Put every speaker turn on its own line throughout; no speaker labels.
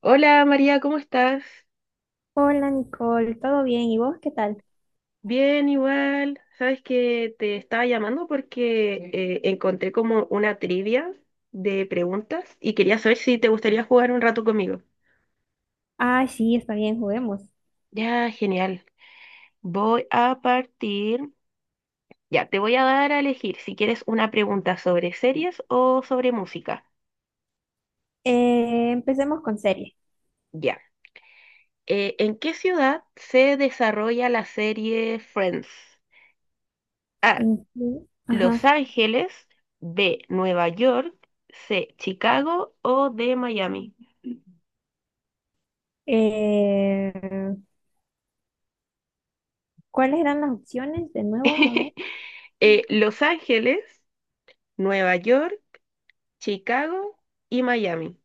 Hola María, ¿cómo estás?
Hola Nicole, ¿todo bien? ¿Y vos qué tal?
Bien, igual. Sabes que te estaba llamando porque encontré como una trivia de preguntas y quería saber si te gustaría jugar un rato conmigo.
Ah, sí, está bien, juguemos.
Ya, genial. Voy a partir. Ya, te voy a dar a elegir si quieres una pregunta sobre series o sobre música.
Empecemos con serie.
Ya. ¿En qué ciudad se desarrolla la serie Friends? A.
¿En qué?
Los
Ajá.
Ángeles, B, Nueva York, C, Chicago o D, Miami.
Eh, ¿Cuáles eran las opciones de nuevo? A ver.
Los Ángeles, Nueva York, Chicago y Miami.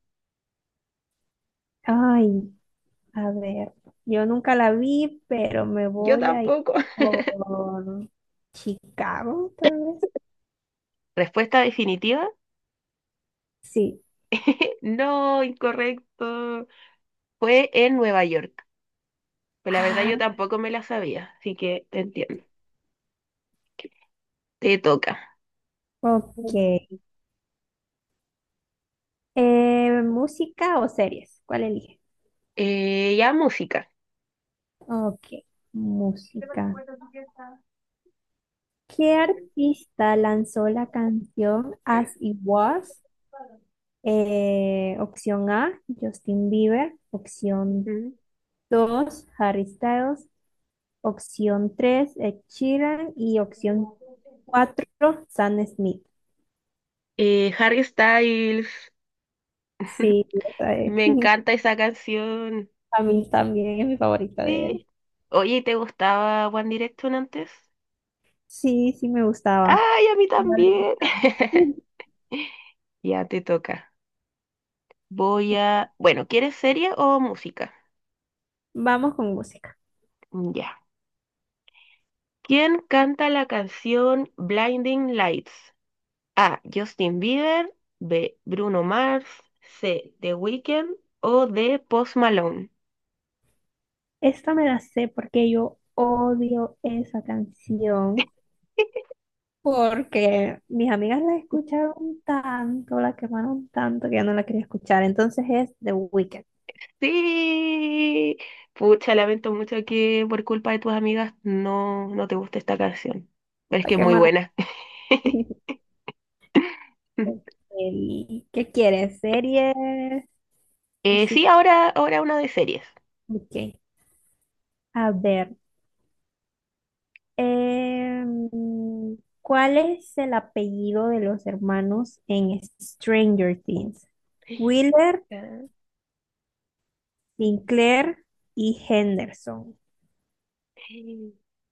Ay, a ver. Yo nunca la vi, pero me
Yo
voy a ir
tampoco.
por Chicago, tal vez.
Respuesta definitiva.
Sí.
No, incorrecto. Fue en Nueva York. Pues la verdad
Ah,
yo tampoco me la sabía, así que te entiendo. Te toca.
ok. ¿Música o series? ¿Cuál elige?
Ya música.
Ok, música. ¿Qué artista lanzó la canción As It Was? Opción A, Justin Bieber. Opción
Ujú.
2: Harry Styles. Opción 3: Ed Sheeran. Y opción 4: Sam Smith.
Harry Styles.
Sí, esa es.
Me encanta esa canción.
A mí también es mi favorita de él.
Sí. Oye, ¿te gustaba One Direction antes?
Sí, sí me gustaba.
¡Ay, a mí
Vale,
también!
Cristian.
Ya te toca. Voy a... Bueno, ¿quieres serie o música?
Vamos con música.
Ya. ¿Quién canta la canción Blinding Lights? A. Justin Bieber. B. Bruno Mars. C. The Weeknd. O D. Post Malone.
Esta me la sé porque yo odio esa canción, porque mis amigas la escucharon tanto, la quemaron tanto que ya no la quería escuchar. Entonces es The Weeknd.
Sí. Pucha, lamento mucho que por culpa de tus amigas no te guste esta canción. Pero es
La
que es muy
quemaron.
buena.
¿Qué quieres? ¿Series?
Sí,
Música.
ahora una de series.
Ok. A ver. em, ¿Cuál es el apellido de los hermanos en Stranger Things? Wheeler,
Ah.
Sinclair y Henderson.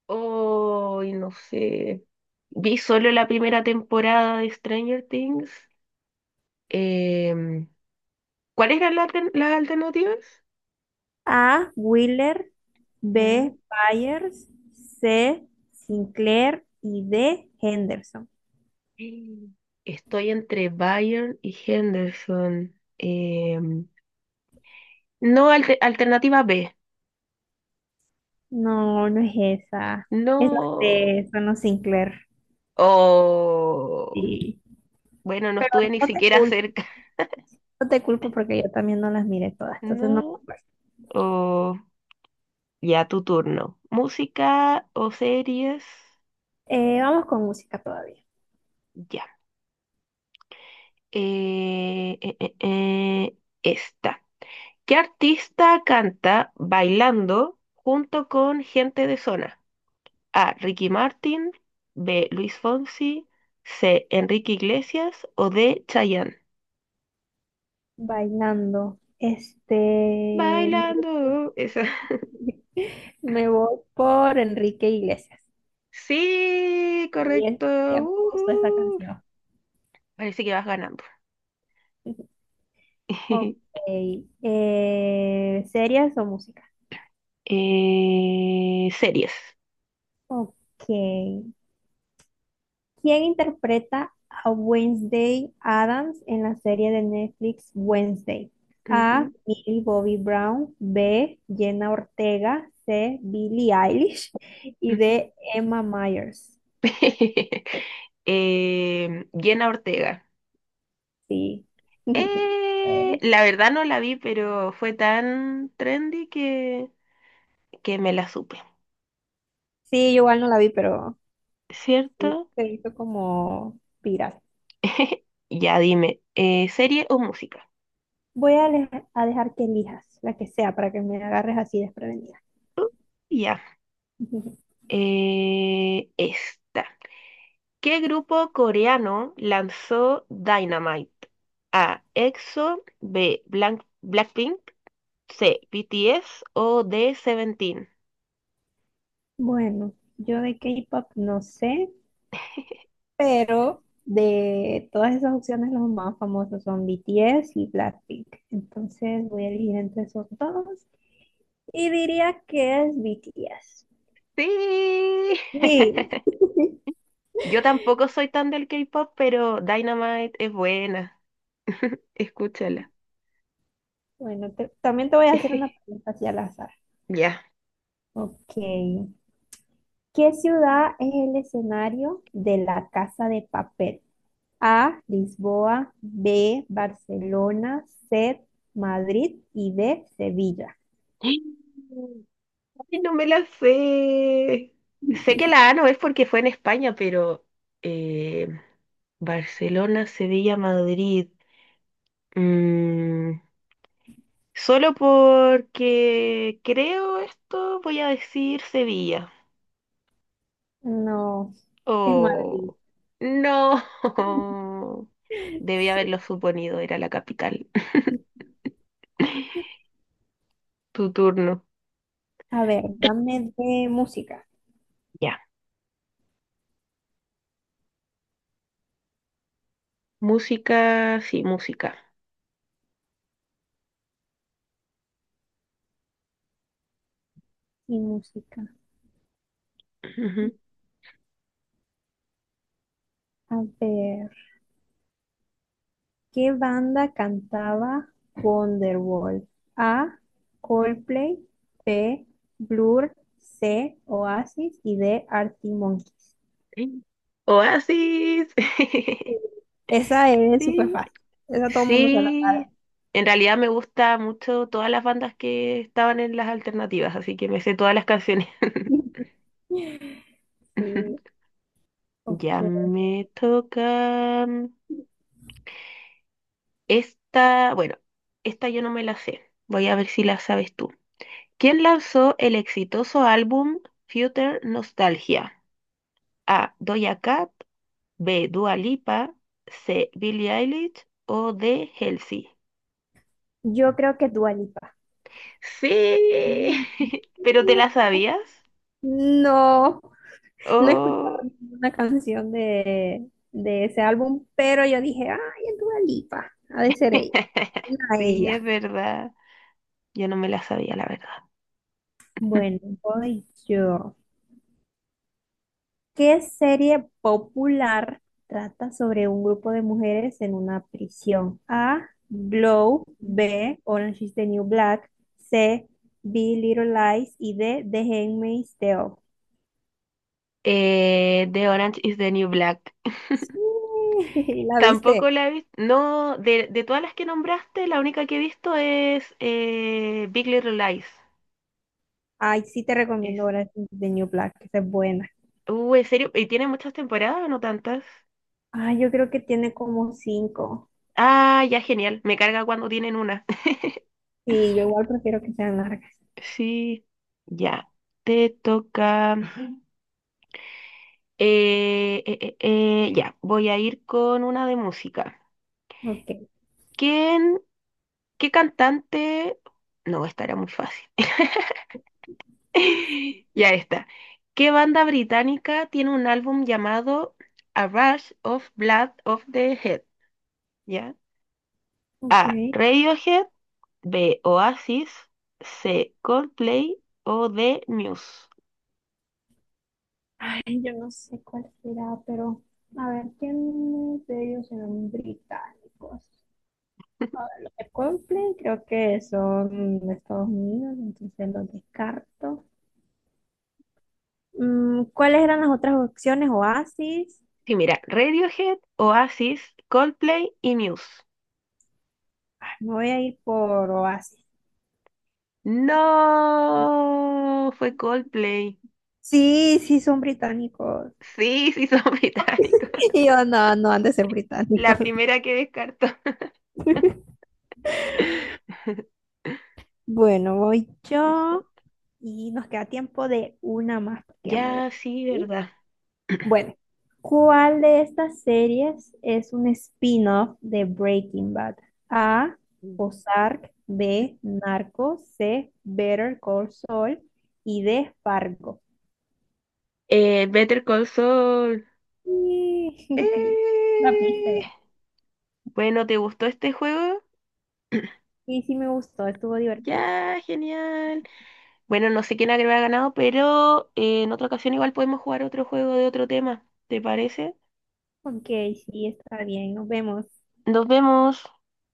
Oh, y no sé. Vi solo la primera temporada de Stranger Things. Em, ¿cuáles eran las alternativas?
A. Wheeler,
Ya.
B. Byers, C. Sinclair y D. Henderson.
Eh, Estoy entre Byron y Henderson. Em, no, alternativa B.
No, no es esa. Es la
No.
C, son los Sinclair.
O
Sí.
bueno, no
Pero
estuve ni
no te
siquiera
culpo,
cerca.
no te culpo porque yo también no las miré todas, entonces no me
No.
acuerdo.
O ya tu turno. Música o series.
Vamos con música todavía.
Ya. Eh, eh, eh, eh, esta. ¿Qué artista canta bailando junto con gente de zona? A. Ricky Martin. B. Luis Fonsi. C. Enrique Iglesias. O D. Chayanne.
Bailando. Este,
Bailando. Esa.
me voy por Enrique Iglesias.
Sí,
Y él,
correcto.
él puso esa
Ujú.
canción.
Parece que vas ganando.
Ok. ¿Series o música?
Series.
Ok. ¿Quién interpreta a Wednesday Adams en la serie de Netflix Wednesday? A.
Ujú,
Millie Bobby Brown. B. Jenna Ortega. C. Billie Eilish. Y
ujú.
D. Emma Myers.
Jenna Ortega.
Sí.
La verdad no la vi, pero fue tan trendy que me la supe.
Sí, yo igual no la vi, pero sí,
¿Cierto?
se hizo como viral.
Ya dime, ¿serie o música?
Voy a, le- a dejar que elijas la que sea para que me agarres así desprevenida.
Uh, ya. Esta. ¿Qué grupo coreano lanzó Dynamite? A. EXO, B. Blackpink, C. BTS o D. Seventeen.
Bueno, yo de K-pop no sé, pero de todas esas opciones los más famosos son BTS y Blackpink. Entonces voy a elegir entre esos dos y diría que es BTS.
Sí.
Sí.
Yo tampoco soy tan del K-pop, pero Dynamite es buena. Escúchala.
Bueno, también te voy a hacer una pregunta así al azar.
Ya.
Ok. ¿Qué ciudad es el escenario de la Casa de Papel? A, Lisboa, B, Barcelona, C, Madrid y D, Sevilla.
Ay, no me la sé. Sé que la A no es porque fue en España, pero eh, Barcelona, Sevilla, Madrid. Mm, solo porque creo esto, voy a decir Sevilla.
No, es Madrid.
Oh, no. debía
Sí.
haberlo suponido, era la capital. Tu turno.
A ver, dame de música.
Ya. Música, sí, música.
Y música.
Ujú.
A ver, ¿qué banda cantaba Wonderwall? A, Coldplay, B, Blur, C, Oasis y D, Arctic Monkeys.
Sí. Oasis.
Esa es súper
Sí.
fácil. Esa todo el mundo se la
Sí. En realidad me gusta mucho todas las bandas que estaban en las alternativas, así que me sé todas las canciones.
sabe. Sí,
Ya
ok.
me toca. Esta, bueno, esta yo no me la sé. Voy a ver si la sabes tú. ¿Quién lanzó el exitoso álbum Future Nostalgia? A. Doja Cat, B. Dua Lipa, C. Billie Eilish o D. Halsey.
Yo creo que Dua Lipa.
Sí, pero ¿te la sabías?
No, no he escuchado
Oh,
ninguna canción de ese álbum, pero yo dije, ay, es Dua Lipa, ha de ser ella. Era
sí, es
ella.
verdad. Yo no me la sabía, la verdad.
Bueno, voy yo. ¿Qué serie popular trata sobre un grupo de mujeres en una prisión? A. Glow. B. Orange is the New Black. C. be Little Lies. Y D. The Handmaid's Tale.
The Orange is the New Black.
Sí, la
Tampoco
viste.
la he visto. No, de todas las que nombraste, la única que he visto es Big Little Lies.
Ay, sí te
Es.
recomiendo Orange is the New Black, que esa es buena.
¿En serio? ¿Y tiene muchas temporadas o no tantas?
Ah, yo creo que tiene como 5.
Ah, ya, genial. Me carga cuando tienen una.
Sí, yo igual prefiero que sean largas.
Sí, ya. Te toca. Ya, voy a ir con una de música.
Ok,
¿Quién, qué cantante? No, esta era muy fácil. Ya está. ¿Qué banda británica tiene un álbum llamado A Rush of Blood of the Head? ¿Ya?
ok.
A. Radiohead. B. Oasis. C. Coldplay. O D. Muse.
Ay, yo no sé cuál será, pero a ver, ¿quiénes de ellos eran británicos? A ver, los de Coldplay creo que son de Estados Unidos, entonces los descarto. Mm, ¿cuáles eran las otras opciones? Oasis.
Sí, mira, Radiohead, Oasis, Coldplay y Muse.
Ay, me voy a ir por Oasis.
No, fue Coldplay.
Sí, sí, son británicos.
Sí, sí, son británicos.
Y yo, no, no han de ser
La
británicos.
primera que descartó.
Bueno, voy yo. Y nos queda tiempo de una más porque ya me voy a-
Ya, sí,
¿sí?
¿verdad?
Bueno, ¿cuál de estas series es un spin-off de Breaking Bad? A. Ozark. B. Narcos. C. Better Call Saul. Y D. Fargo.
Better Call Saul.
Y... La
Eh,
piste.
bueno, ¿te gustó este juego?
Sí, sí me gustó, estuvo divertido.
Ya, genial. Bueno, no sé quién habrá ganado, pero en otra ocasión igual podemos jugar otro juego de otro tema. ¿Te parece?
Ok, sí, está bien, nos vemos.
Nos vemos.